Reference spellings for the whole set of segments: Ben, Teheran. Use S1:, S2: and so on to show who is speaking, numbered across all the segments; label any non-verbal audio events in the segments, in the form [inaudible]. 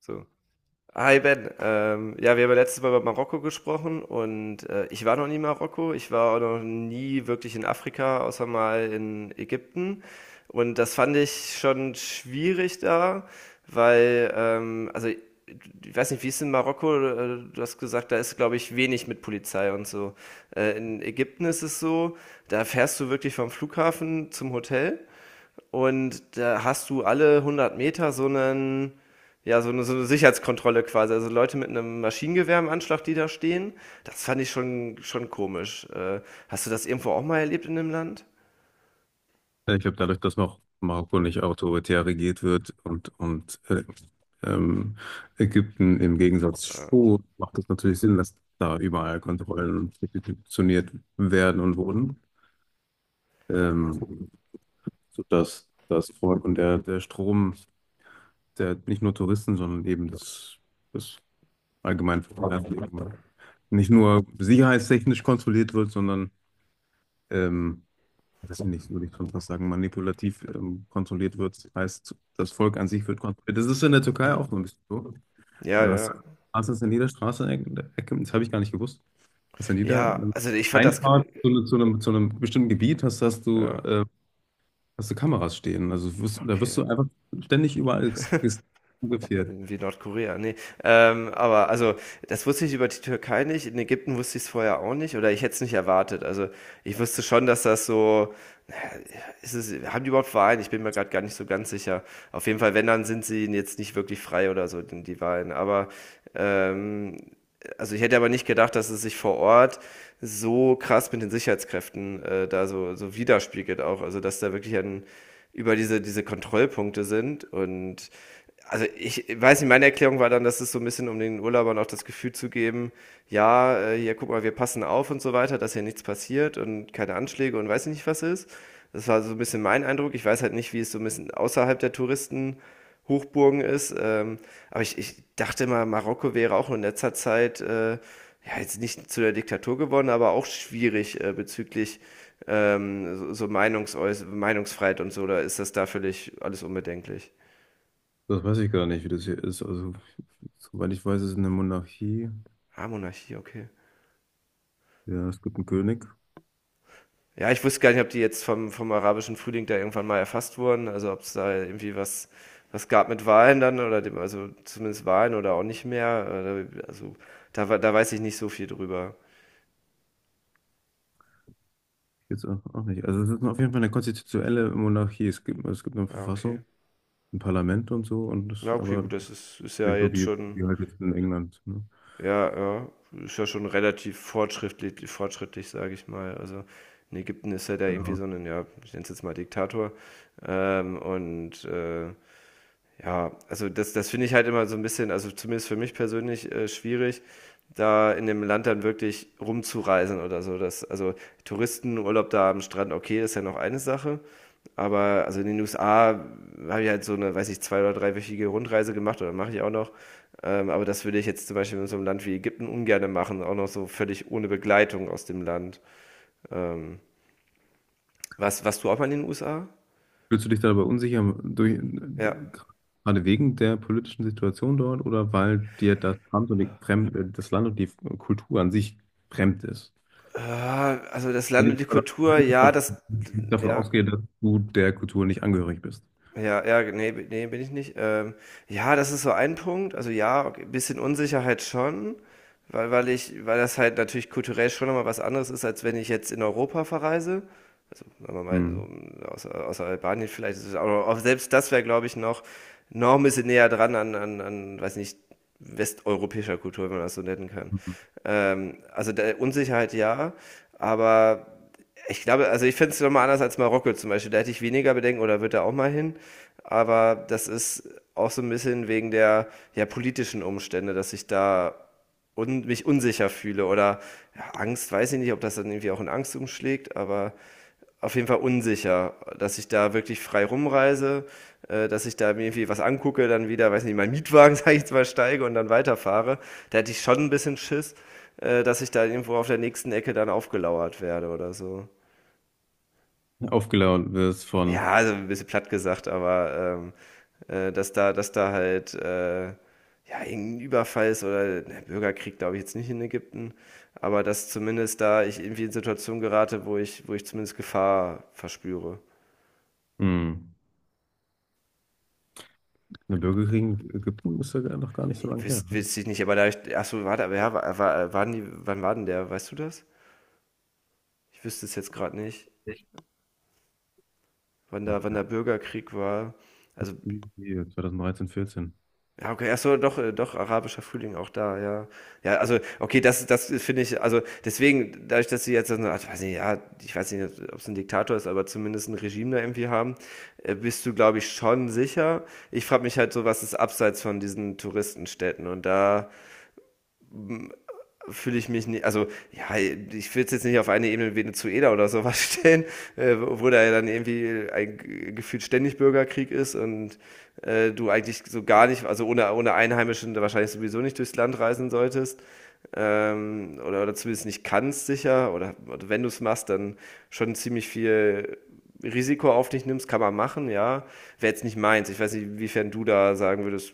S1: So. Hi Ben, ja, wir haben ja letztes Mal über Marokko gesprochen und ich war noch nie in Marokko, ich war auch noch nie wirklich in Afrika, außer mal in Ägypten und das fand ich schon schwierig da, weil, also ich weiß nicht, wie ist in Marokko, du hast gesagt, da ist, glaube ich, wenig mit Polizei und so. In Ägypten ist es so, da fährst du wirklich vom Flughafen zum Hotel. Und da hast du alle 100 Meter so einen, ja, so eine Sicherheitskontrolle quasi. Also Leute mit einem Maschinengewehr im Anschlag, die da stehen. Das fand ich schon komisch. Hast du das irgendwo auch mal erlebt in dem Land?
S2: Ja, ich glaube, dadurch, dass noch Marokko nicht autoritär regiert wird und ähm, Ägypten im Gegensatz zu, macht es natürlich Sinn, dass da überall Kontrollen institutioniert werden und wurden, ähm, sodass das Volk und der Strom, der nicht nur Touristen, sondern eben das allgemein nicht nur sicherheitstechnisch kontrolliert wird, sondern ähm, das finde ich, würde ich schon fast sagen, manipulativ kontrolliert wird. Das heißt, das Volk an sich wird kontrolliert. Das ist in der Türkei
S1: Hm.
S2: auch so ein bisschen so.
S1: Ja,
S2: Ja, Was
S1: ja.
S2: was ist in jeder Straßenecke, das habe ich gar nicht gewusst, was in jeder
S1: Ja, also ich fand das.
S2: Einfahrt zu einem bestimmten Gebiet
S1: Ja,
S2: hast du Kameras stehen. Also wirst
S1: okay.
S2: du einfach ständig überall fotografiert.
S1: Wie Nordkorea. Nee. Aber also, das wusste ich über die Türkei nicht. In Ägypten wusste ich es vorher auch nicht. Oder ich hätte es nicht erwartet. Also ich wusste schon, dass das so ist es, haben die überhaupt Verein? Ich bin mir gerade gar nicht so ganz sicher. Auf jeden Fall, wenn, dann sind sie jetzt nicht wirklich frei oder so, denn die Wahlen. Aber ähm, also ich hätte aber nicht gedacht, dass es sich vor Ort so krass mit den Sicherheitskräften da so, so widerspiegelt auch. Also dass da wirklich ein, über diese Kontrollpunkte sind. Und also ich weiß nicht, meine Erklärung war dann, dass es so ein bisschen um den Urlaubern auch das Gefühl zu geben, ja, hier guck mal, wir passen auf und so weiter, dass hier nichts passiert und keine Anschläge und weiß ich nicht was ist. Das war so ein bisschen mein Eindruck. Ich weiß halt nicht, wie es so ein bisschen außerhalb der Touristen Hochburgen ist. Aber ich dachte mal, Marokko wäre auch in letzter Zeit ja, jetzt nicht zu der Diktatur geworden, aber auch schwierig bezüglich so, so Meinungsäuß Meinungsfreiheit und so. Da ist das da völlig alles unbedenklich.
S2: Das weiß ich gar nicht, wie das hier ist. Also, soweit ich weiß, ist es eine Monarchie.
S1: Ah, Monarchie, okay.
S2: Ja, es gibt einen König.
S1: Ja, ich wusste gar nicht, ob die jetzt vom arabischen Frühling da irgendwann mal erfasst wurden. Also ob es da irgendwie was, was gab mit Wahlen dann oder dem, also zumindest Wahlen oder auch nicht mehr. Also da, da weiß ich nicht so viel drüber.
S2: Jetzt auch, auch nicht. Also es ist auf jeden Fall eine konstitutionelle Monarchie. Es gibt eine
S1: Ja,
S2: Verfassung,
S1: okay.
S2: ein Parlament und so, und das,
S1: Ja, okay,
S2: aber
S1: gut, das ist ja
S2: nicht so
S1: jetzt
S2: wie, wie
S1: schon
S2: halt jetzt in England, ne?
S1: ja, ja, ist ja schon relativ fortschrittlich, sage ich mal. Also, in Ägypten ist ja da irgendwie
S2: Genau.
S1: so ein ja, ich nenne es jetzt mal Diktator, und, ja, also das finde ich halt immer so ein bisschen, also zumindest für mich persönlich, schwierig, da in dem Land dann wirklich rumzureisen oder so. Das also Touristenurlaub da am Strand, okay, ist ja noch eine Sache, aber also in den USA habe ich halt so eine, weiß ich, zwei oder dreiwöchige Rundreise gemacht oder mache ich auch noch. Aber das würde ich jetzt zum Beispiel in so einem Land wie Ägypten ungerne machen, auch noch so völlig ohne Begleitung aus dem Land. Ähm, Was warst du auch mal in den USA?
S2: Fühlst du dich da aber unsicher durch,
S1: Ja.
S2: gerade wegen der politischen Situation dort oder weil dir das Land und die Kultur an sich fremd ist?
S1: Ah, also das
S2: Wenn
S1: Land
S2: ich
S1: und die
S2: mal,
S1: Kultur,
S2: wenn ich
S1: ja,
S2: mal
S1: das
S2: davon
S1: ja.
S2: ausgehe, dass du der Kultur nicht angehörig bist.
S1: Ja, ja, nee, b ne, bin ich nicht. Ja, das ist so ein Punkt. Also ja, okay, bisschen Unsicherheit schon, weil weil ich weil das halt natürlich kulturell schon noch was anderes ist, als wenn ich jetzt in Europa verreise. Also, wenn man mal
S2: Hm.
S1: so außer Albanien vielleicht ist es, aber auch selbst das wäre, glaube ich, noch ein bisschen näher dran an weiß nicht, westeuropäischer Kultur, wenn man das so nennen kann. Also der Unsicherheit ja, aber ich glaube, also ich finde es nochmal anders als Marokko zum Beispiel. Da hätte ich weniger Bedenken oder wird er auch mal hin. Aber das ist auch so ein bisschen wegen der ja, politischen Umstände, dass ich da un mich unsicher fühle oder ja, Angst, weiß ich nicht, ob das dann irgendwie auch in Angst umschlägt, aber auf jeden Fall unsicher, dass ich da wirklich frei rumreise, dass ich da mir irgendwie was angucke, dann wieder, weiß nicht, meinen Mietwagen, [laughs] sage ich jetzt mal, steige und dann weiterfahre. Da hätte ich schon ein bisschen Schiss, dass ich da irgendwo auf der nächsten Ecke dann aufgelauert werde oder so.
S2: Aufgeladen wirst von
S1: Ja, also ein bisschen platt gesagt, aber dass da halt ja, irgendein Überfall ist oder ne, Bürgerkrieg, glaube ich, jetzt nicht in Ägypten, aber dass zumindest da ich irgendwie in Situationen gerate, wo ich zumindest Gefahr verspüre.
S2: hm. Eine Burger King in Ägypten ist ja noch gar nicht
S1: Nee,
S2: so lange her, ne?
S1: wüsste ich nicht, aber da ich, ach so, warte, aber ja, waren die, wann war denn der, weißt du das? Ich wüsste es jetzt gerade nicht,
S2: Echt?
S1: wann da, wann der Bürgerkrieg war. Also
S2: Irgendwie 2013, 14.
S1: ja, okay, ach so, doch, doch, arabischer Frühling auch da, ja. Ja, also, okay, das, das finde ich, also, deswegen, dadurch, dass sie jetzt, so, ach, weiß nicht, ja, ich weiß nicht, ob es ein Diktator ist, aber zumindest ein Regime da irgendwie haben, bist du, glaube ich, schon sicher. Ich frage mich halt so, was ist abseits von diesen Touristenstädten und da, fühle ich mich nicht, also ja, ich will es jetzt nicht auf eine Ebene wie Venezuela oder sowas [laughs] stellen, wo da ja dann irgendwie ein gefühlt ständig Bürgerkrieg ist und du eigentlich so gar nicht, also ohne Einheimischen wahrscheinlich sowieso nicht durchs Land reisen solltest. Oder zumindest nicht kannst sicher, oder wenn du es machst, dann schon ziemlich viel Risiko auf dich nimmst, kann man machen, ja. Wäre jetzt nicht meins. Ich weiß nicht, inwiefern du da sagen würdest,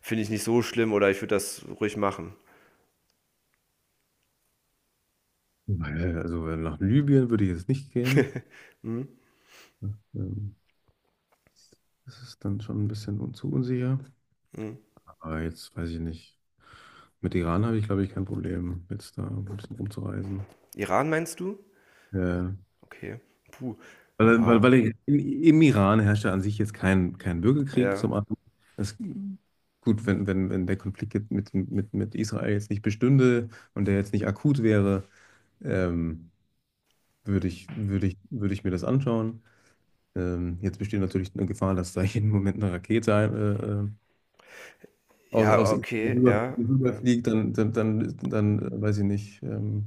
S1: finde ich nicht so schlimm oder ich würde das ruhig machen.
S2: Weil, also weil nach Libyen würde ich jetzt nicht gehen,
S1: Hm?
S2: ne? Das ist dann schon ein bisschen zu unsicher.
S1: Mhm.
S2: Aber jetzt weiß ich nicht. Mit Iran habe ich, glaube ich, kein Problem, jetzt da ein bisschen rumzureisen.
S1: Iran meinst du?
S2: Äh,
S1: Okay. Puh.
S2: weil, weil,
S1: Ja,
S2: weil ich, im Iran herrscht ja an sich jetzt kein Bürgerkrieg
S1: ja.
S2: zum anderen. Es, gut, wenn der Konflikt jetzt mit Israel jetzt nicht bestünde und der jetzt nicht akut wäre, ähm, würde ich mir das anschauen. Jetzt besteht natürlich eine Gefahr, dass da [laughs] jeden Moment eine Rakete
S1: Ja,
S2: aus Israel
S1: okay, ja, ja.
S2: rüberfliegt, dann weiß ich nicht,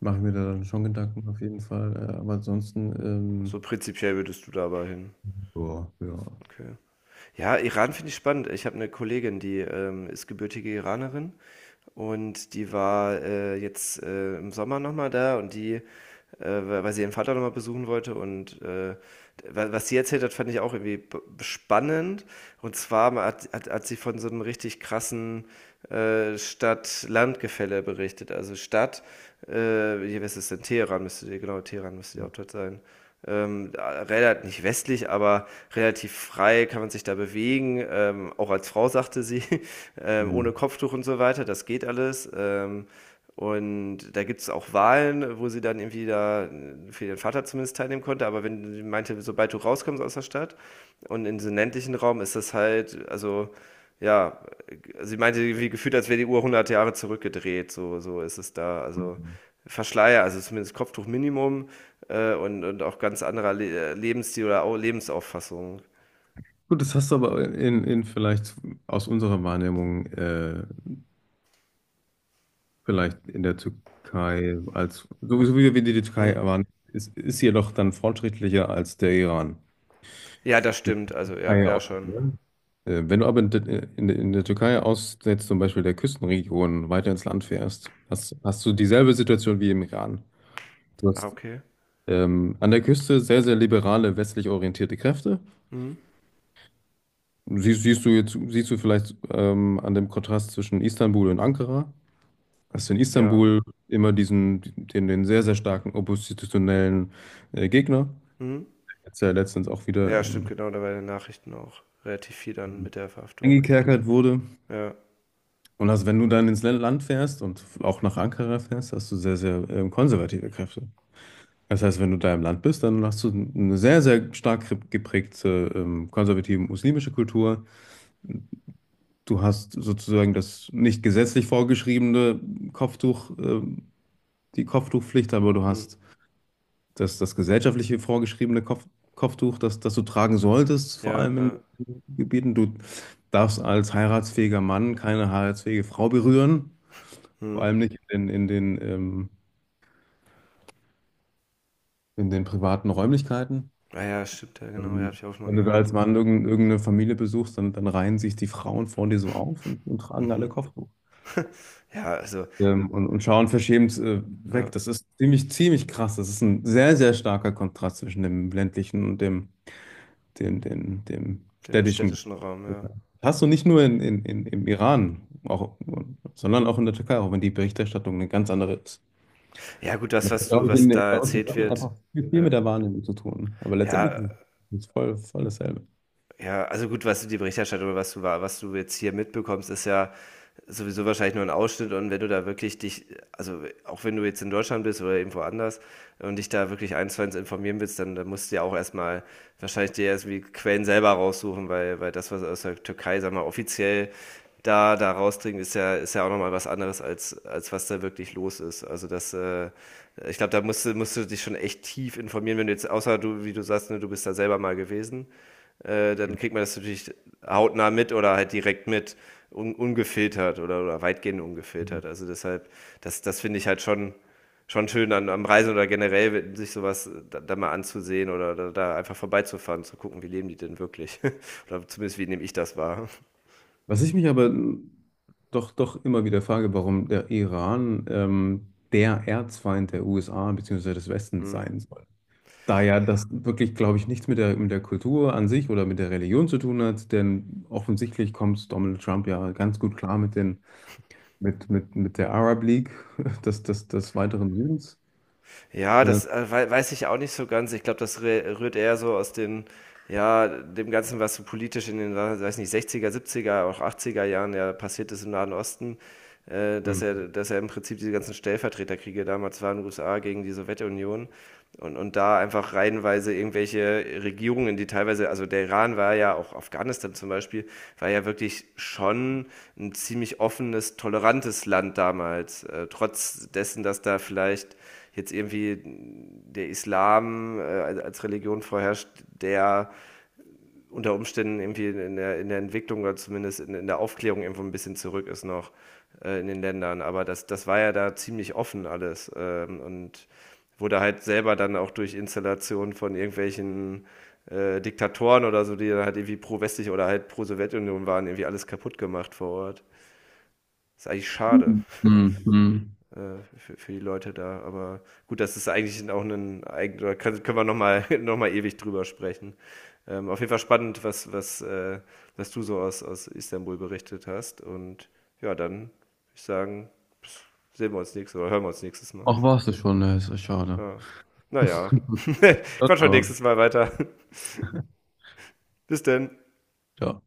S2: mache ich mir da dann schon Gedanken auf jeden Fall. Aber ansonsten,
S1: So prinzipiell würdest du da aber hin.
S2: boah, ja.
S1: Okay. Ja, Iran finde ich spannend. Ich habe eine Kollegin, die ist gebürtige Iranerin und die war jetzt im Sommer nochmal da und die weil sie ihren Vater nochmal besuchen wollte. Und was sie erzählt hat, fand ich auch irgendwie spannend. Und zwar hat sie von so einem richtig krassen Stadt-Land-Gefälle berichtet. Also Stadt, äh, hier, was ist es denn? Teheran müsste die, genau, Teheran müsste die Hauptstadt sein. Relativ, nicht westlich, aber relativ frei kann man sich da bewegen. Auch als Frau sagte sie, [laughs]
S2: Hm.
S1: ohne Kopftuch und so weiter, das geht alles. Und da gibt es auch Wahlen, wo sie dann irgendwie da für ihren Vater zumindest teilnehmen konnte. Aber wenn sie meinte, sobald du rauskommst aus der Stadt und in den ländlichen Raum ist das halt, also ja, sie meinte irgendwie gefühlt, als wäre die Uhr 100 Jahre zurückgedreht. So, so ist es da.
S2: Hm,
S1: Also
S2: hm.
S1: Verschleier, also zumindest Kopftuch Minimum und auch ganz anderer Le Lebensstil oder Lebensauffassung.
S2: Gut, das hast du aber in vielleicht aus unserer Wahrnehmung vielleicht in der Türkei als, so so wie wir die Türkei
S1: Mhm.
S2: waren, ist sie jedoch dann fortschrittlicher als der Iran.
S1: Ja, das
S2: Die
S1: stimmt. Also ja,
S2: Türkei
S1: ja
S2: aus,
S1: schon.
S2: ne? Wenn du aber in der Türkei aus jetzt zum Beispiel der Küstenregion weiter ins Land fährst, hast du dieselbe Situation wie im Iran. Du
S1: Ah,
S2: hast
S1: okay.
S2: an der Küste sehr, sehr liberale, westlich orientierte Kräfte.
S1: Mhm.
S2: Siehst du jetzt, siehst du vielleicht an dem Kontrast zwischen Istanbul und Ankara. Hast du in
S1: Ja.
S2: Istanbul immer diesen, den sehr, sehr starken oppositionellen Gegner,
S1: Mhm.
S2: der jetzt ja letztens auch wieder
S1: Ja, stimmt, genau, da war in den Nachrichten auch relativ viel dann mit der Verhaftung.
S2: eingekerkert wurde.
S1: Ja,
S2: Und hast, wenn du dann ins Land fährst und auch nach Ankara fährst, hast du sehr, sehr konservative Kräfte. Das heißt, wenn du da im Land bist, dann hast du eine sehr, sehr stark geprägte konservative muslimische Kultur. Du hast sozusagen das nicht gesetzlich vorgeschriebene Kopftuch, die Kopftuchpflicht, aber du
S1: mhm.
S2: hast das gesellschaftliche vorgeschriebene Kopftuch, das du tragen solltest, vor
S1: Ja,
S2: allem in
S1: ja,
S2: den Gebieten. Du darfst als heiratsfähiger Mann keine heiratsfähige Frau berühren, vor
S1: mhm.
S2: allem nicht in den, in den privaten Räumlichkeiten.
S1: Ah ja, stimmt, ja, genau, ja, habe
S2: Ähm,
S1: ich auch mal
S2: Wenn du da
S1: gehört.
S2: als Mann irgendeine Familie besuchst, dann reihen sich die Frauen vor dir so auf und tragen alle
S1: Mhm.
S2: Kopftuch.
S1: [laughs] Ja, also,
S2: Und schauen verschämt
S1: ja,
S2: weg. Das ist ziemlich, ziemlich krass. Das ist ein sehr, sehr starker Kontrast zwischen dem ländlichen und dem
S1: dem
S2: städtischen.
S1: städtischen Raum, ja.
S2: Hast du nicht nur im Iran, auch, sondern auch in der Türkei, auch wenn die Berichterstattung eine ganz andere ist.
S1: Ja, gut, das,
S2: Das
S1: was
S2: hat,
S1: du
S2: glaube ich,
S1: was da
S2: bei uns in
S1: erzählt
S2: Deutschland
S1: wird,
S2: einfach viel, viel
S1: ja.
S2: mit der Wahrnehmung zu tun. Aber letztendlich
S1: Ja,
S2: ist es voll, voll dasselbe.
S1: ja, also gut, was du die Berichterstattung oder was du was du jetzt hier mitbekommst, ist ja sowieso wahrscheinlich nur ein Ausschnitt und wenn du da wirklich dich, also auch wenn du jetzt in Deutschland bist oder irgendwo anders und dich da wirklich eins zu eins informieren willst, dann musst du ja auch erstmal wahrscheinlich dir erst wie Quellen selber raussuchen, weil, weil das, was aus der Türkei, sag mal, offiziell da, da rausdringt, ist ja auch nochmal was anderes, als was da wirklich los ist. Also das, ich glaube, da musst du dich schon echt tief informieren, wenn du jetzt, außer du, wie du sagst, ne, du bist da selber mal gewesen dann kriegt man das natürlich hautnah mit oder halt direkt mit, un ungefiltert oder weitgehend
S2: Mhm.
S1: ungefiltert. Also deshalb, das finde ich halt schon schön an, am Reisen oder generell, sich sowas da, da mal anzusehen oder da, da einfach vorbeizufahren, zu gucken, wie leben die denn wirklich. [laughs] Oder zumindest, wie nehme ich das wahr.
S2: Was ich mich aber doch, doch immer wieder frage, warum der Iran der Erzfeind der USA bzw. des Westens
S1: Hm.
S2: sein soll. Da ja das wirklich, glaube ich, nichts mit der, mit der Kultur an sich oder mit der Religion zu tun hat, denn offensichtlich kommt Donald Trump ja ganz gut klar mit den, mit der Arab League [laughs] des, des, des weiteren Südens.
S1: Ja,
S2: Ja.
S1: das weiß ich auch nicht so ganz. Ich glaube, das rührt eher so aus den, ja, dem Ganzen, was so politisch in den, weiß nicht, 60er, 70er, auch 80er Jahren ja passiert ist im Nahen Osten,
S2: Hm.
S1: dass er im Prinzip diese ganzen Stellvertreterkriege damals waren, USA gegen die Sowjetunion und da einfach reihenweise irgendwelche Regierungen, die teilweise, also der Iran war ja, auch Afghanistan zum Beispiel, war ja wirklich schon ein ziemlich offenes, tolerantes Land damals, trotz dessen, dass da vielleicht jetzt irgendwie der Islam als Religion vorherrscht, der unter Umständen irgendwie in der Entwicklung oder zumindest in der Aufklärung irgendwo ein bisschen zurück ist noch in den Ländern. Aber das, das war ja da ziemlich offen alles und wurde halt selber dann auch durch Installationen von irgendwelchen Diktatoren oder so, die dann halt irgendwie pro-westlich oder halt pro-Sowjetunion waren, irgendwie alles kaputt gemacht vor Ort. Das ist eigentlich schade
S2: Hm, hm.
S1: für die Leute da. Aber gut, das ist eigentlich auch ein oder können wir nochmal [laughs] noch mal ewig drüber sprechen. Auf jeden Fall spannend, was du so aus, aus Istanbul berichtet hast. Und ja, dann würde ich sagen, pss, sehen wir uns nächstes oder hören wir uns nächstes Mal.
S2: Ach, warst du schon, ne? Ist ja schade.
S1: Ja. Naja,
S2: [laughs]
S1: [laughs] quatsch schon nächstes Mal weiter. [laughs] Bis denn.
S2: Ja.